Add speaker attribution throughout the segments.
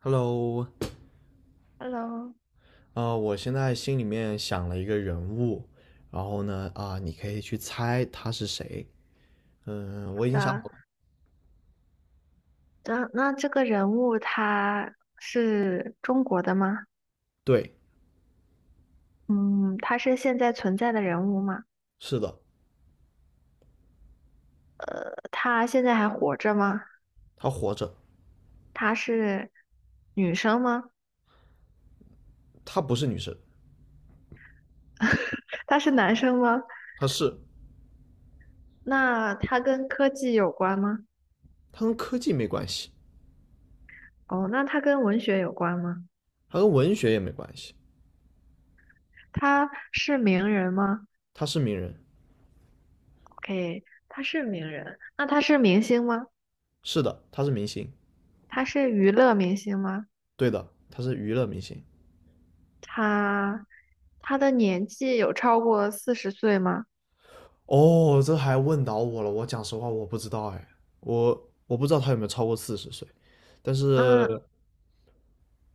Speaker 1: Hello。
Speaker 2: Hello，
Speaker 1: 我现在心里面想了一个人物。然后呢，你可以去猜他是谁。嗯，
Speaker 2: 好
Speaker 1: 我已经想
Speaker 2: 的，
Speaker 1: 好了。
Speaker 2: 那这个人物他是中国的吗？
Speaker 1: 对。
Speaker 2: 嗯，他是现在存在的人物吗？
Speaker 1: 是的。
Speaker 2: 他现在还活着吗？
Speaker 1: 他活着。
Speaker 2: 他是女生吗？
Speaker 1: 他不是女生。
Speaker 2: 他是男生吗？
Speaker 1: 他是。
Speaker 2: 那他跟科技有关吗？
Speaker 1: 他跟科技没关系。
Speaker 2: 哦，那他跟文学有关吗？
Speaker 1: 他跟文学也没关系。
Speaker 2: 他是名人吗
Speaker 1: 他是名人。
Speaker 2: ？OK，他是名人。那他是明星吗？
Speaker 1: 是的，他是明星。
Speaker 2: 他是娱乐明星吗？
Speaker 1: 对的，他是娱乐明星。
Speaker 2: 他他的年纪有超过四十岁吗？
Speaker 1: 哦，这还问倒我了，我讲实话我不知道哎。我不知道他有没有超过四十岁，但
Speaker 2: 嗯，
Speaker 1: 是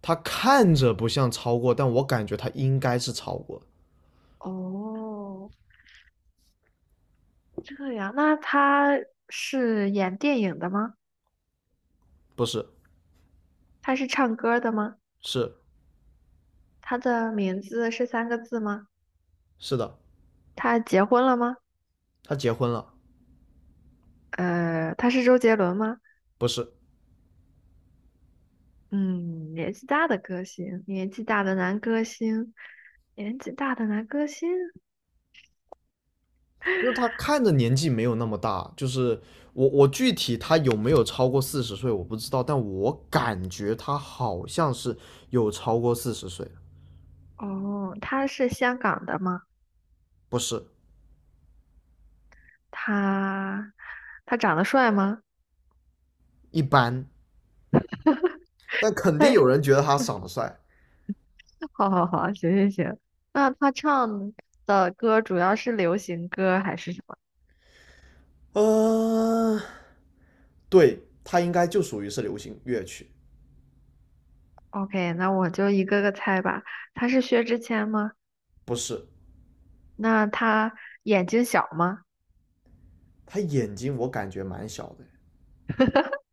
Speaker 1: 他看着不像超过，但我感觉他应该是超过。
Speaker 2: 哦，这样，那他是演电影的吗？
Speaker 1: 不是。
Speaker 2: 他是唱歌的吗？
Speaker 1: 是
Speaker 2: 他的名字是三个字吗？
Speaker 1: 是的，
Speaker 2: 他结婚了吗？
Speaker 1: 他结婚了。
Speaker 2: 他是周杰伦吗？
Speaker 1: 不是。
Speaker 2: 嗯，年纪大的歌星，年纪大的男歌星，年纪大的男歌星。
Speaker 1: 因为他看着年纪没有那么大，就是我具体他有没有超过四十岁我不知道，但我感觉他好像是有超过四十岁。
Speaker 2: 哦，他是香港的吗？
Speaker 1: 不是。
Speaker 2: 他他长得帅吗？
Speaker 1: 一般。但肯定
Speaker 2: 他，
Speaker 1: 有人觉得他长得帅。
Speaker 2: 好好好，行行行。那他唱的歌主要是流行歌还是什么？
Speaker 1: 呃，对他应该就属于是流行乐曲。
Speaker 2: OK，那我就一个个猜吧。他是薛之谦吗？
Speaker 1: 不是。
Speaker 2: 那他眼睛小吗？
Speaker 1: 他眼睛我感觉蛮小的。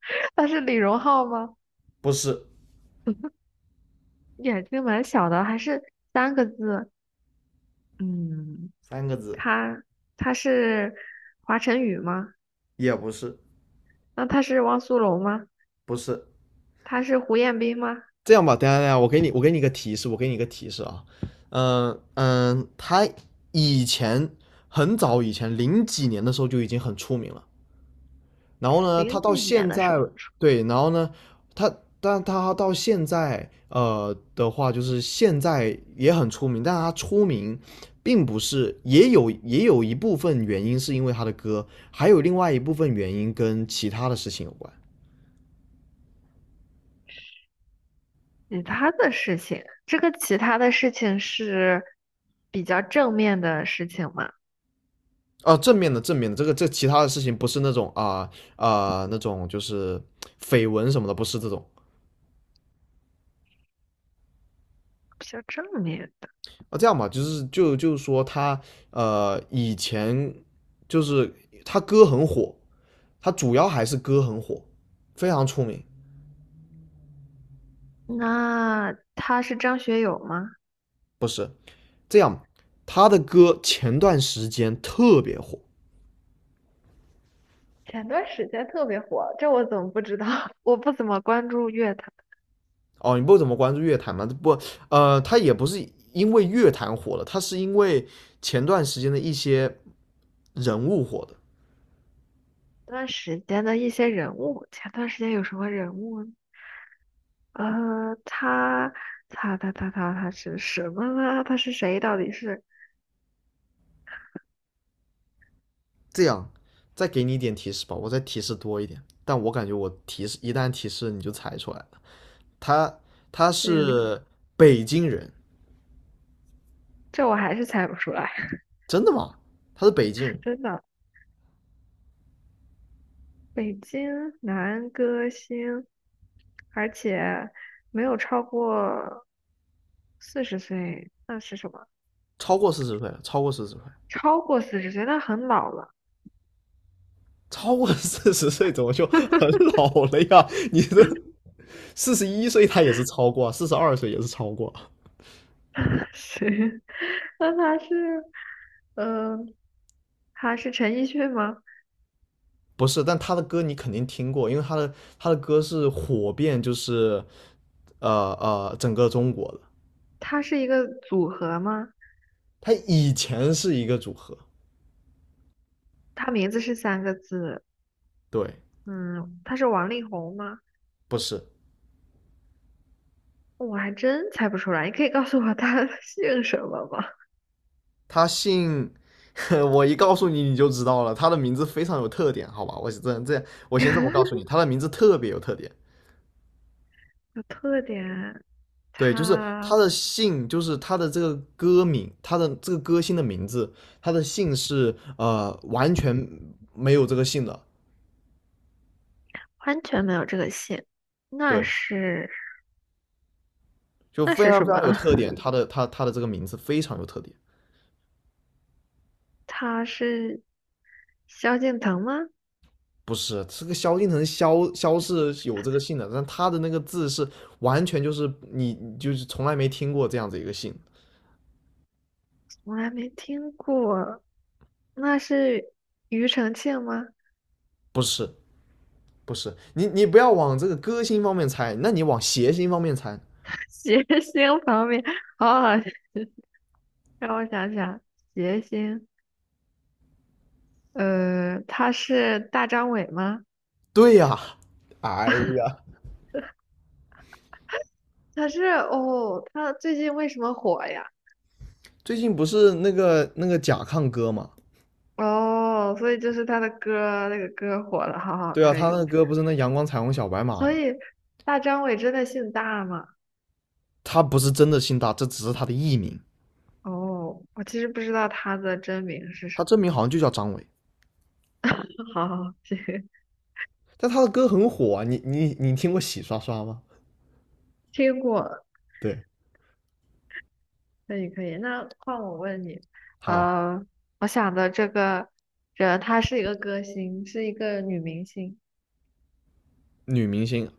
Speaker 2: 他是李荣浩吗？
Speaker 1: 不是。
Speaker 2: 眼睛蛮小的，还是三个字？嗯，
Speaker 1: 三个字。
Speaker 2: 他他是华晨宇吗？
Speaker 1: 也不是。
Speaker 2: 那他是汪苏泷吗？
Speaker 1: 不是。
Speaker 2: 他是胡彦斌吗？
Speaker 1: 这样吧，等一下等一下，我给你一个提示，我给你一个提示啊。嗯嗯，他以前很早以前零几年的时候就已经很出名了。然后呢，他
Speaker 2: 零几
Speaker 1: 到
Speaker 2: 年
Speaker 1: 现
Speaker 2: 的时
Speaker 1: 在。
Speaker 2: 候，
Speaker 1: 对。然后呢，他但他到现在的话，就是现在也很出名，但他出名并不是也有一部分原因是因为他的歌，还有另外一部分原因跟其他的事情有关。
Speaker 2: 其他的事情，这个其他的事情是比较正面的事情吗？
Speaker 1: 啊，正面的，这个其他的事情不是那种那种就是绯闻什么的。不是这种
Speaker 2: 比较正面的。
Speaker 1: 啊。这样吧，就是说他以前就是他歌很火，他主要还是歌很火，非常出名。
Speaker 2: 那他是张学友吗？
Speaker 1: 不是。这样，他的歌前段时间特别火。
Speaker 2: 前段时间特别火，这我怎么不知道？我不怎么关注乐坛。
Speaker 1: 哦。你不怎么关注乐坛吗？不。他也不是因为乐坛火了，他是因为前段时间的一些人物火的。
Speaker 2: 前段时间的一些人物，前段时间有什么人物呢呃，他他是什么呢？他是谁？到底是
Speaker 1: 这样，再给你一点提示吧，我再提示多一点。但我感觉我提示一旦提示你就猜出来了。他他
Speaker 2: 嗯，
Speaker 1: 是北京人。
Speaker 2: 这我还是猜不出来，
Speaker 1: 真的吗？他是北京人。
Speaker 2: 真的。北京男歌星，而且没有超过四十岁，那是什么？
Speaker 1: 超过四十岁了，超过四十岁。
Speaker 2: 超过四十岁，那很老了。
Speaker 1: 超过四十岁怎么就很老了呀？你这41岁他也是超过啊，42岁也是超过啊。
Speaker 2: 谁？那他是，呃，他是陈奕迅吗？
Speaker 1: 不是，但他的歌你肯定听过，因为他的歌是火遍就是整个中国的。
Speaker 2: 他是一个组合吗？
Speaker 1: 他以前是一个组合。
Speaker 2: 他名字是三个字，
Speaker 1: 对。
Speaker 2: 嗯，他是王力宏吗？
Speaker 1: 不是。
Speaker 2: 我还真猜不出来，你可以告诉我他 姓什么吗？
Speaker 1: 他姓，我一告诉你你就知道了，他的名字非常有特点，好吧？我是这样这样，我先这么告诉你，他的名字特别有特点。
Speaker 2: 有特点，
Speaker 1: 对，就是
Speaker 2: 他
Speaker 1: 他的姓，就是他的这个歌名，他的这个歌星的名字，他的姓是完全没有这个姓的。
Speaker 2: 完全没有这个姓，那
Speaker 1: 对，
Speaker 2: 是
Speaker 1: 就
Speaker 2: 那
Speaker 1: 非
Speaker 2: 是
Speaker 1: 常
Speaker 2: 什
Speaker 1: 非
Speaker 2: 么？
Speaker 1: 常有特点。他的这个名字非常有特点。
Speaker 2: 他是萧敬腾吗？
Speaker 1: 不是这个萧敬腾，萧是有这个姓的，但他的那个字是完全就是你就是从来没听过这样子一个姓。
Speaker 2: 我还没听过，那是庾澄庆吗？
Speaker 1: 是不是。你不要往这个歌星方面猜，那你往谐星方面猜。
Speaker 2: 谐星旁边，好好，让我想想，谐星，他是大张伟吗？
Speaker 1: 对呀。哎呀。
Speaker 2: 他是哦，他最近为什么火呀？
Speaker 1: 最近不是那个甲亢哥嘛？
Speaker 2: 哦，所以就是他的歌，那个歌火了，好好，
Speaker 1: 对啊，
Speaker 2: 可
Speaker 1: 他那
Speaker 2: 以。
Speaker 1: 个歌不是那阳光彩虹小白马
Speaker 2: 所
Speaker 1: 嘛？
Speaker 2: 以大张伟真的姓大吗？
Speaker 1: 他不是真的姓大，这只是他的艺名，
Speaker 2: 哦，我其实不知道他的真名是
Speaker 1: 他
Speaker 2: 什么。
Speaker 1: 真名好像就叫张伟。
Speaker 2: 好好，行，
Speaker 1: 但他的歌很火啊，你听过洗刷刷吗？
Speaker 2: 听过，
Speaker 1: 对。
Speaker 2: 可以可以。那换我问你，
Speaker 1: 好。
Speaker 2: 呃，我想的这个人，她是一个歌星，是一个女明星。
Speaker 1: 女明星。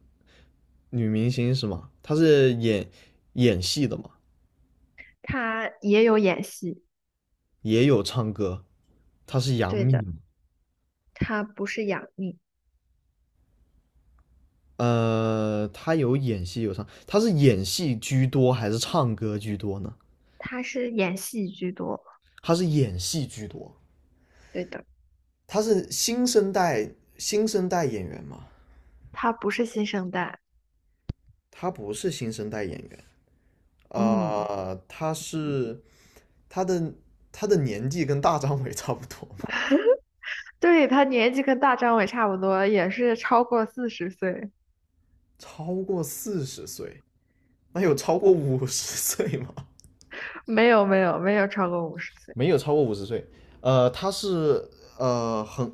Speaker 1: 女明星是吗？她是演戏的嘛，
Speaker 2: 他也有演戏，
Speaker 1: 也有唱歌，她是杨
Speaker 2: 对
Speaker 1: 幂
Speaker 2: 的，
Speaker 1: 嘛？
Speaker 2: 他不是杨幂，
Speaker 1: 他有演戏有唱，他是演戏居多还是唱歌居多呢？
Speaker 2: 他是演戏居多，
Speaker 1: 他是演戏居多。
Speaker 2: 对的，
Speaker 1: 他是新生代演员嘛？
Speaker 2: 他不是新生代，
Speaker 1: 他不是新生代演员。
Speaker 2: 嗯，
Speaker 1: 呃，他是他的他的年纪跟大张伟 差不多嘛。
Speaker 2: 对，他年纪跟大张伟差不多，也是超过四十岁，
Speaker 1: 超过40岁。那有超过五十岁吗？
Speaker 2: 没有没有没有超过50岁，
Speaker 1: 没有超过五十岁。他是很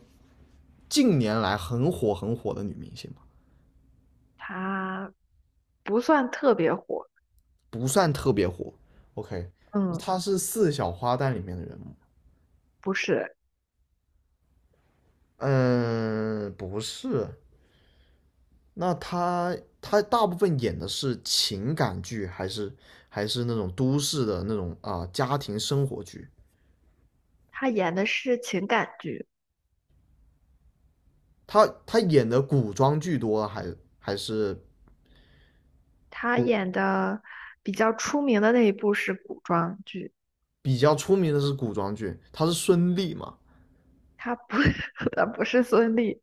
Speaker 1: 近年来很火很火的女明星。
Speaker 2: 他不算特别火，
Speaker 1: 不算特别火。OK，
Speaker 2: 嗯，
Speaker 1: 他是四小花旦里面的人物。
Speaker 2: 不是，
Speaker 1: 嗯，不是。那他大部分演的是情感剧，还是那种都市的那种啊、家庭生活剧？
Speaker 2: 他演的是情感剧，
Speaker 1: 他演的古装剧多，还是
Speaker 2: 他
Speaker 1: 古
Speaker 2: 演的比较出名的那一部是古装剧，
Speaker 1: 比较出名的是古装剧。他是孙俪嘛？
Speaker 2: 他不 他不是孙俪，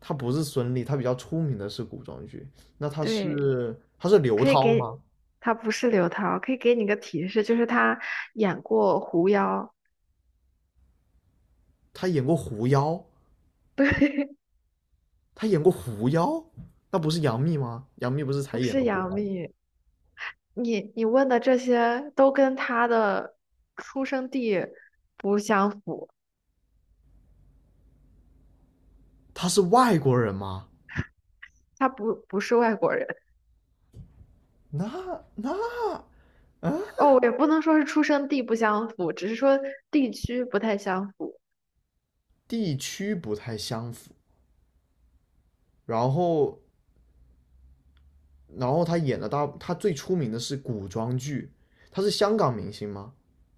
Speaker 1: 他不是孙俪，他比较出名的是古装剧。那他
Speaker 2: 对。
Speaker 1: 是他是刘
Speaker 2: 可以
Speaker 1: 涛
Speaker 2: 给
Speaker 1: 吗？
Speaker 2: 他不是刘涛，可以给你个提示，就是他演过狐妖，
Speaker 1: 他演过《狐妖》。他演过狐妖。那不是杨幂吗？杨幂不是才
Speaker 2: 不
Speaker 1: 演
Speaker 2: 是
Speaker 1: 了狐妖
Speaker 2: 杨
Speaker 1: 吗？
Speaker 2: 幂。你问的这些都跟他的出生地不相符，
Speaker 1: 他是外国人吗？
Speaker 2: 他不是外国人。
Speaker 1: 那那啊，
Speaker 2: 哦，也不能说是出生地不相符，只是说地区不太相符。
Speaker 1: 地区不太相符。然后，然后他最出名的是古装剧。他是香港明星吗？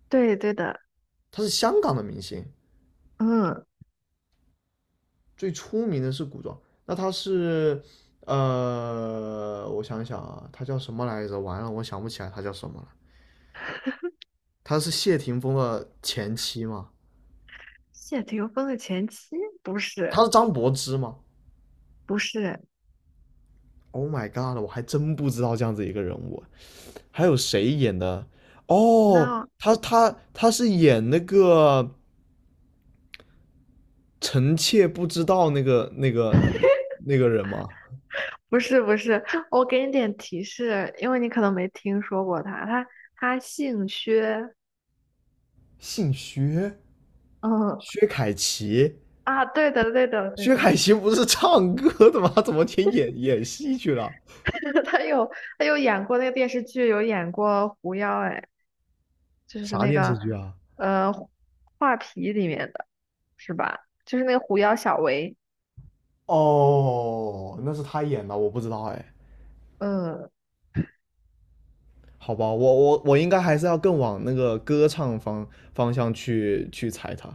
Speaker 2: 对对的，
Speaker 1: 他是香港的明星。
Speaker 2: 嗯，
Speaker 1: 最出名的是古装。那他是，我想想啊，他叫什么来着？完了，我想不起来他叫什么了。他是谢霆锋的前妻吗？
Speaker 2: 谢霆锋的前妻不
Speaker 1: 他
Speaker 2: 是
Speaker 1: 是张柏芝吗？
Speaker 2: 不是，
Speaker 1: Oh my god！我还真不知道这样子一个人物。还有谁演的？哦，
Speaker 2: 那
Speaker 1: 他是演那个臣妾不知道那个人吗？
Speaker 2: 不是不是，我给你点提示，因为你可能没听说过他。他姓薛，
Speaker 1: 姓薛。
Speaker 2: 嗯
Speaker 1: 薛凯琪。
Speaker 2: 啊，对的对的对
Speaker 1: 薛
Speaker 2: 的，
Speaker 1: 凯琪不是唱歌的吗？怎么去演戏去了？
Speaker 2: 他有他有演过那个电视剧，有演过狐妖，哎，就是
Speaker 1: 啥
Speaker 2: 那
Speaker 1: 电视
Speaker 2: 个
Speaker 1: 剧啊？
Speaker 2: 呃画皮里面的是吧？就是那个狐妖小唯。
Speaker 1: 哦，那是他演的，我不知道哎。
Speaker 2: 嗯，
Speaker 1: 好吧，我应该还是要更往那个歌唱方向去猜他。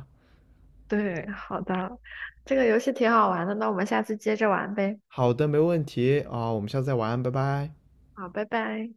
Speaker 2: 对，好的，这个游戏挺好玩的，那我们下次接着玩呗。
Speaker 1: 好的，没问题啊，我们下次再玩，拜拜。
Speaker 2: 好，拜拜。